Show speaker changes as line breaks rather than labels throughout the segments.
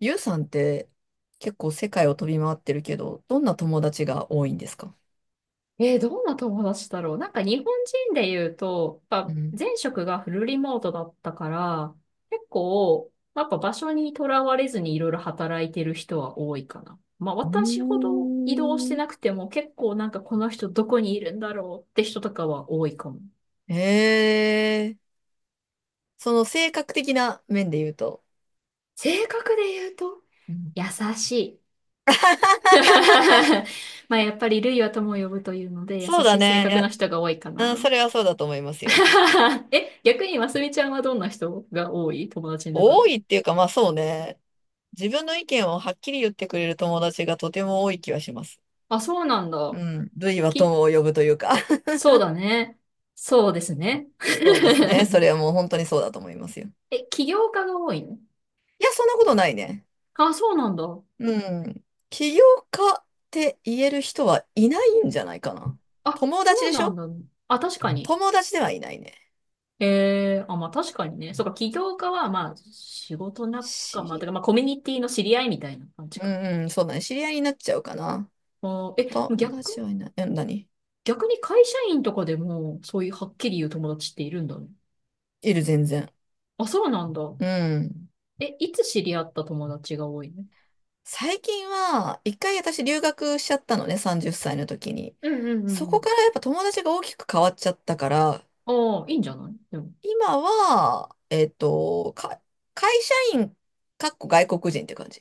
ゆうさんって結構世界を飛び回ってるけど、どんな友達が多いんですか？
どんな友達だろう。なんか日本人で言うと、やっ
う
ぱ
ん。
前職がフルリモートだったから、結構、やっぱ場所にとらわれずにいろいろ働いてる人は多いかな。まあ
う
私ほど移動して
ー
な
ん。
くても結構なんかこの人どこにいるんだろうって人とかは多いかも。
ええ。その性格的な面で言うと。
性格で言うと、
うん。
優しい。まあやっぱりルイは友を呼ぶというので優
そう
し
だ
い性
ね。い
格の人が多いか
や、うん、そ
な。
れはそうだと思いますよ。
え、逆にますみちゃんはどんな人が多い友達の中
多
で。
いっていうか、まあそうね。自分の意見をはっきり言ってくれる友達がとても多い気はします。
あ、そうなん
う
だ。
ん。類は
き、
友を呼ぶというか。
そうだね。そうですね。
そうですね。それ はもう本当にそうだと思いますよ。
え、起業家が多いの？
いや、そんなことないね。
あ、そうなんだ。
うん。起業家って言える人はいないんじゃないかな。
あ、
友達
そう
でし
なん
ょ？
だ。あ、確かに。
友達ではいないね。
えー、あ、まあ確かにね。そうか、起業家は、まあ、仕事仲
知
間と
り、
か、まあコミュニティの知り合いみたいな感じ
う
か。
んうん、そうだね。知り合いになっちゃうかな。
あー、え、
友達はいない。え、何？
逆に会社員とかでも、そういうはっきり言う友達っているんだね。
いる、全然。
あ、そうなんだ。
うん。
え、いつ知り合った友達が多いの？
最近は、一回私留学しちゃったのね、30歳の時に。
うんうんう
そ
んう
こか
ん。
らやっぱ友達が大きく変わっちゃったから、
ああ、いいんじゃないでも。
今は、会社員、かっこ外国人って感じ。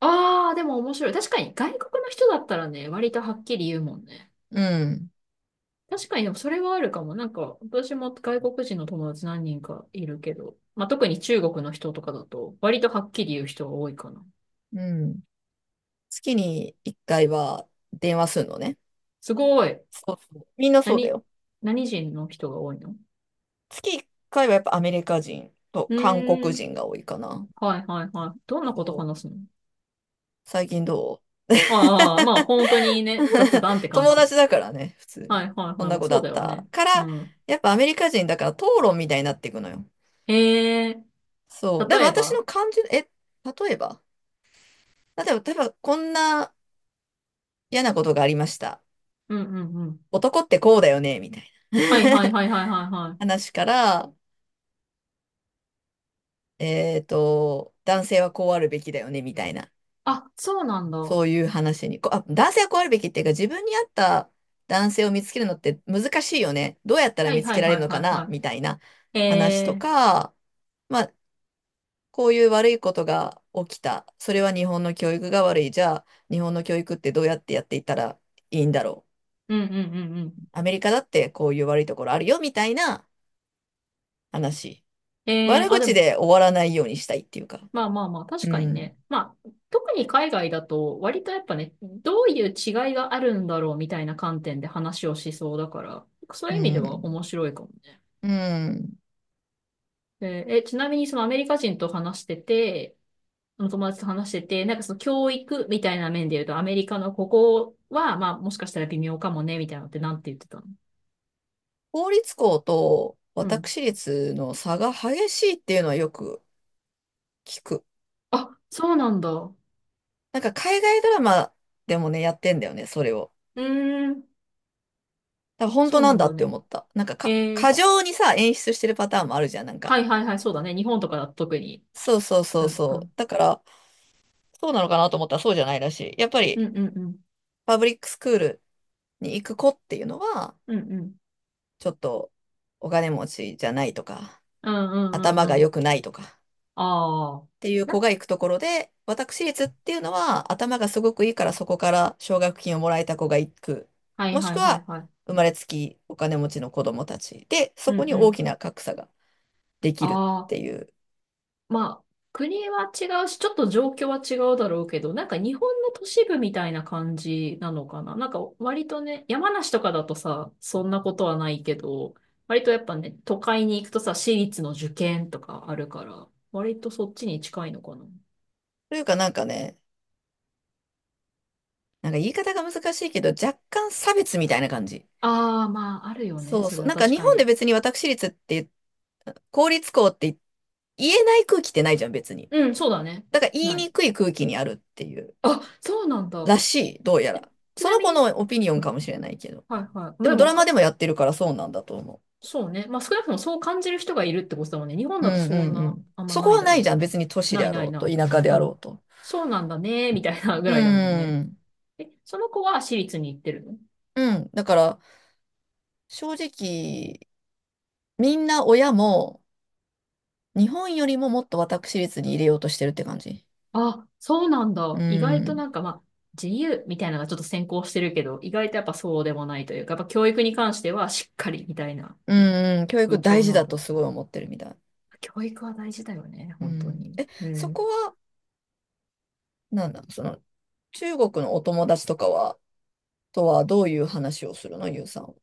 ああ、でも面白い。確かに外国の人だったらね、割とはっきり言うもんね。
うん。
確かに、でもそれはあるかも。なんか、私も外国人の友達何人かいるけど、まあ、特に中国の人とかだと、割とはっきり言う人が多いかな。
うん。月に1回は電話するのね。
すごい。
そうそう。みんなそうだ
何、
よ。
何人の人が多いの？
月1回はやっぱアメリカ人と
う
韓国
ーん。
人が多いかな。
はいはいはい。どんな
そ
こと
う。
話すの？
最近どう？
ああ、まあ本当にね、雑談って 感
友
じだね。
達だからね、普通
は
に。
いはいは
こん
い。
な
まあ
子だ
そうだ
っ
よ
た
ね。
か
う
ら、
ん。
やっぱアメリカ人だから討論みたいになっていくのよ。
ええ
そう。で
例
も
え
私
ば。
の感じ、え、例えば、例えばこんな嫌なことがありました。
うんうんうん。
男ってこうだよね、みたいな。
はいはいはいはいはいは い。
話から、えっと、男性はこうあるべきだよね、みたいな、
あ、そうなんだ。は
そういう話に、こう、あ、男性はこうあるべきっていうか、自分に合った男性を見つけるのって難しいよね。どうやった
い
ら
は
見
い
つ
は
け
い
られ
は
る
い
のかな、
は
みたいな
い。
話と
ええ。
か、まあ、こういう悪いことが起きた。それは日本の教育が悪い。じゃあ、日本の教育ってどうやってやっていったらいいんだろ
うんうんうんう
う。
ん。
アメリカだってこういう悪いところあるよ、みたいな話。
ええ
悪
あ、で
口
も、
で終わらないようにしたいっていうか。
まあまあまあ、確
う
かに
ん。
ね。まあ、特に海外だと、割とやっぱね、どういう違いがあるんだろうみたいな観点で話をしそうだから、そう
う
いう意味では
ん。
面白いかもね。
うん。
えーえ、ちなみにそのアメリカ人と話してて、の友達と話してて、なんかその教育みたいな面で言うと、アメリカのここは、まあもしかしたら微妙かもね、みたいなのってなんて言ってたの？
公立校と
うん。
私立の差が激しいっていうのはよく聞く。
あ、そうなんだ。う
なんか海外ドラマでもね、やってんだよね、それを。
ーん、
だから本当
そう
な
な
ん
ん
だ
だ
って
ね。
思った。
え
過
ー、
剰にさ、演出してるパターンもあるじゃん、なんか。
はいはいはい、そうだね。日本とかだと特に。
そうそうそ
う
う
んう
そう。
ん。
だから、そうなのかなと思ったらそうじゃないらしい。やっぱ
う
り、
んうんうん。
パブリックスクールに行く子っていうのは、
うんうん。
ちょっとお金持ちじゃないとか、
うんうんう
頭が
んう
良
ん。
くないとか。
ああ。
っていう子
な
が行くところで、私立っていうのは頭がすごくいいからそこから奨学金をもらえた子が行く。
はい
もし
は
く
いは
は
いはい。
生まれつきお金持ちの子供たちで、
う
そこ
ん
に
う
大
ん。
きな格差ができるっ
あ
て
あ。
いう。
まあ、国は違うし、ちょっと状況は違うだろうけど、なんか日本の都市部みたいな感じなのかな。なんか割とね、山梨とかだとさ、そんなことはないけど、割とやっぱね、都会に行くとさ、私立の受験とかあるから、割とそっちに近いのかな。
というかなんかね、なんか言い方が難しいけど若干差別みたいな感じ。
ああ、まあ、あるよね。
そう
そ
そ
れ
う。
は
なんか
確
日
か
本で
に。
別に私立って公立校って言えない空気ってないじゃん別に。
うん、そうだね。
だから言い
ない。
にくい空気にあるっていう
あ、そうなん
ら
だ。
しい、どうやら。
え、ち
そ
な
の
み
子
に、
のオピニオン
う
か
ん、
もしれないけど。
はいはい。ま
で
あで
もド
も
ラマ
か
でもやってるからそうなんだと思
そうね。まあ少なくともそう感じる人がいるってことだもんね。日本
う。う
だと
ん
そ
う
ん
んう
な、
ん。
あんま
そこ
ない
は
だ
な
ろ
い
う
じ
け
ゃん。
ど。
別に都市で
ない
あ
な
ろ
い
うと、
な
田舎で
い。う
あろう
ん。
と。
そうなんだね、みたいなぐ
う
らいだもんね。
ん。
え、その子は私立に行ってるの？
うん。だから、正直、みんな親も、日本よりももっと私立に入れようとしてるって感じ。
あ、そうなん
う
だ。意外と
ん。
なんかまあ、自由みたいなのがちょっと先行してるけど、意外とやっぱそうでもないというか、やっぱ教育に関してはしっかりみたいな
うんうん。教
部
育大
長
事
なん
だ
だ
と
ろ
すごい思ってるみたい。
う。教育は大事だよね、
う
本当
ん。
に。
え、
う
そこ
ん。
は、なんだ、その、中国のお友達とかは、とはどういう話をするの、ゆうさんは？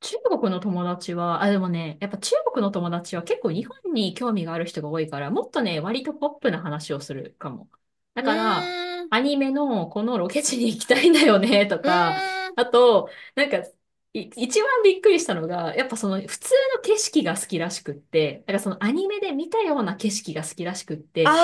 中国の友達は、あ、でもね、やっぱ中国の友達は結構日本に興味がある人が多いから、もっとね、割とポップな話をするかも。だ
う
から、
ーん。
アニメのこのロケ地に行きたいんだよね、と
う
か、
ーん。
あと、なんか、一番びっくりしたのが、やっぱその普通の景色が好きらしくって、だからそのアニメで見たような景色が好きらしくっ
あ
て、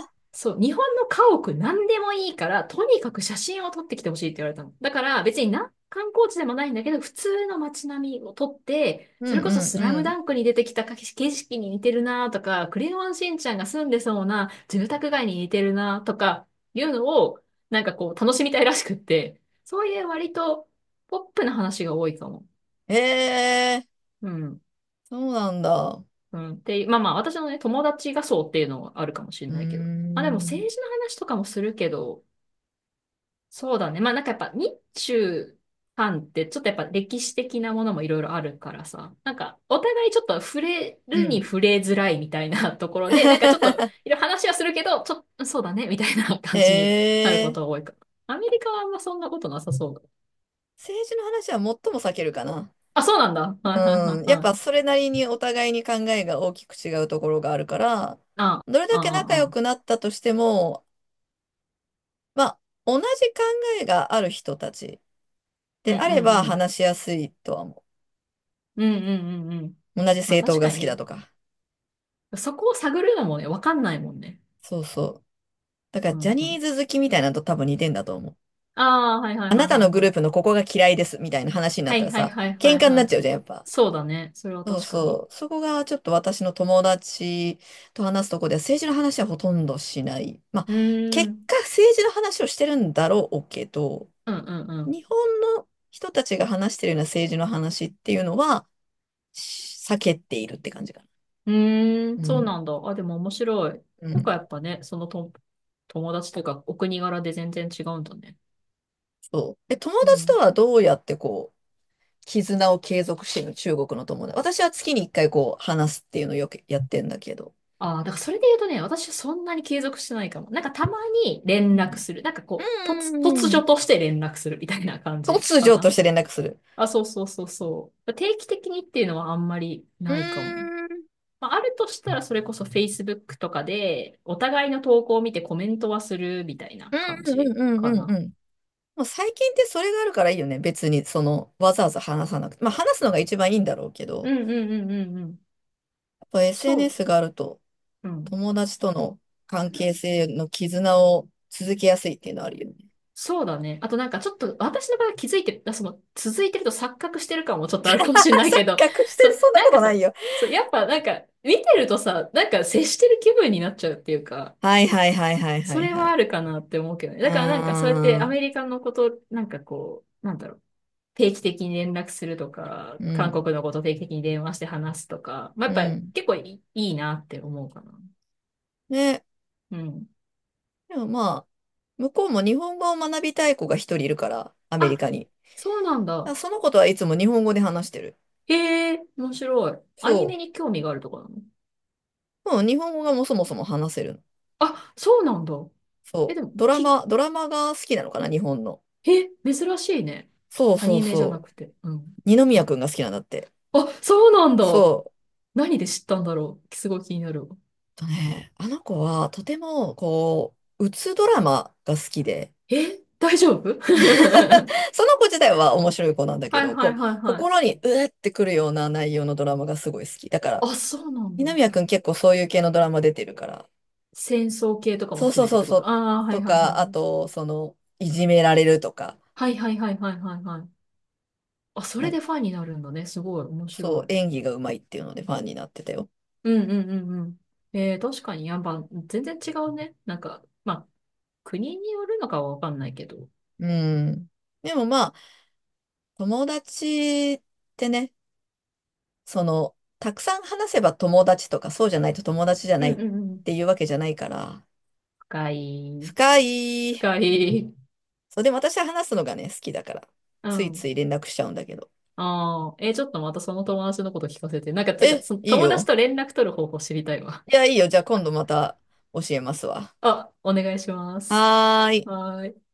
あ。
そう、日本の家屋何でもいいから、とにかく写真を撮ってきてほしいって言われたの。だから別にな、観光地でもないんだけど、普通の街並みを撮って、
う
そ
ん
れ
う
こそ
ん
ス
う
ラムダ
ん。
ンクに出てきた景色に似てるなとか、クレヨンしんちゃんが住んでそうな住宅街に似てるなとか、いうのを、なんかこう、楽しみたいらしくって、そういう割とポップな話が多いかも。
ええ、
うん。
そうなんだ。
うん。で、まあまあ、私のね、友達がそうっていうのはあるかもしれ
うー
ないけど。まあでも
ん。
政治の話とかもするけど、そうだね。まあなんかやっぱ日中韓ってちょっとやっぱ歴史的なものもいろいろあるからさ、なんかお互いちょっと触れ
う
る
ん。
に触れづらいみたいな ところで、なんかちょっ といろいろ話はするけど、ちょっとそうだねみたいな
へ
感じになるこ
え、
とが多いから。アメリカはあんまそんなことなさそうだ。
政治の話は最も避けるかな。
あ、そうなんだ。はいはいは
う
い
ん。やっ
は
ぱ
い。
それなりにお互いに考えが大きく違うところがあるから、
あ、あ、
どれだけ仲
あ、
良
あ。
くなったとしても、まあ、同じ考えがある人たち
うん
で
う
あれ
ん
ば
うん。
話しやすいとは思
うんうんうんうん。
う。同じ
まあ
政党
確
が
か
好
に
きだ
ね、
とか。
そこを探るのもね、わかんないもんね。
そうそう。だから
う
ジャ
ん
ニ
う
ー
ん。
ズ好きみたいなのと多分似てんだと思う。
ああ、はいは
あ
いはい
なた
は
の
い
グ
は
ループ
い。
のここが嫌いですみたいな話になっ
は
た
い
ら
はい
さ、
はいは
喧
い
嘩にな
は
っち
い。
ゃうじゃん、やっぱ。
そうだね。それは
そう
確かに。
そう。そこがちょっと私の友達と話すとこでは政治の話はほとんどしない。まあ、
うー
結
ん。
果政治の話をしてるんだろうけど、
うんう
日
ん
本の人たちが話してるような政治の話っていうのは避けているって感じかな。
うん。うー
う
ん。そう
ん。
なんだ。あ、でも面白い。
う
結構
ん。
やっぱね、そのと友達とかお国柄で全然違うんだね。
そう。え、友
う
達と
ん。
はどうやってこう、絆を継続してるの？中国の友達。私は月に一回こう話すっていうのをよくやってんだけど。
ああ、だからそれで言うとね、私はそんなに継続してないかも。なんかたまに連
う
絡
ん
する。なんか
う
こう、
んうんう
突
んう
如
ん。
として連絡するみたいな感じ
突
か
如と
な。
して連絡する。
あ、そうそうそうそう。定期的にっていうのはあんまり
うー
ないかも。
ん。
まあ、あるとしたら、それこそ Facebook とかで、お互いの投稿を見てコメントはするみたいな感
うんうん
じ
うん
か
うんう
な。
ん。もう最近ってそれがあるからいいよね。別に、その、わざわざ話さなくて。まあ、話すのが一番いいんだろうけ
う
ど、
んうんうんうんうん。
やっぱ
そう、
SNS があると、
うん。
友達との関係性の絆を続けやすいっていうのはあるよね。
そうだね。あとなんかちょっと私の場合は気づいて、その続いてると錯覚してる感もちょっとあるかもしれな いけど、
錯覚し て
そ
る。
う、
そんな
な
こ
んか
とない
さ、
よ。
そう、やっぱなんか見てるとさ、なんか接してる気分になっちゃうっていうか、
はいはいはいはいは
そ
い
れ
は
は
い。
あるかなって思うけどね。
うー
だからなんかそうやってア
ん。
メリカのこと、なんかこう、なんだろう。定期的に連絡するとか、
う
韓
ん。
国のこと定期的に電話して話すとか、まあ、
う
やっぱ
ん。
結構いいなって思うかな。
ね。
うん。
でもまあ、向こうも日本語を学びたい子が一人いるから、アメリ
あ、
カに。
そうなんだ。
あ、そのことはいつも日本語で話してる。
へえ、面白い。アニ
そ
メに興味があるとかなの？
う。うん、日本語がもうそもそも話せるの。
あ、そうなんだ。え、
そ
で
う。
も、
ドラ
き、
マ、ドラマが好きなのかな、日本の。
え、珍しいね。
そう
ア
そう
ニメじゃな
そう。
くて。うん。
二宮くんが好きなんだって。
あ、そうなんだ。
そう。
何で知ったんだろう。すごい気になるわ。
えっとね、あの子はとても、こう、うつドラマが好きで、
え、大丈夫？ は
その子自体は面白い子なんだ
い
け
はい
ど、
は
こう、
いはい。
心にうえってくるような内容のドラマがすごい好き。だから、
あ、そうなん
二
だ。
宮くん結構そういう系のドラマ出てるから、
戦争系とかも
そう
含
そう
めて
そ
っ
う
てこ
そ
と？
う、
ああ、はい
と
はいはい。
か、あと、その、いじめられるとか、
はいはいはいはいはいはい。あ、そ
な
れ
んか
でファンになるんだね。すごい、面
そう、
白い。
演技がうまいっていうのでファンになってたよ。
うんうんうんうん。えー、確かに、やっぱ、全然違うね。なんか、まあ、国によるのかはわかんないけど。
うん。でもまあ、友達ってね、その、たくさん話せば友達とか、そうじゃないと友達じゃ
う
な
ん
い
う
っ
んうん。
ていうわけじゃないから、
深い。
深い。
深い。
そう、でも私は話すのがね、好きだから、
う
ついつ
ん。
い連絡しちゃうんだけど。
ああ、えー、ちょっとまたその友達のこと聞かせて。なんか、てか、
え、
その
いい
友達
よ。
と連絡取る方法知りたいわ。
いや、いいよ。じゃあ今度また教えますわ。
あ、お願いします。
はーい。
はーい。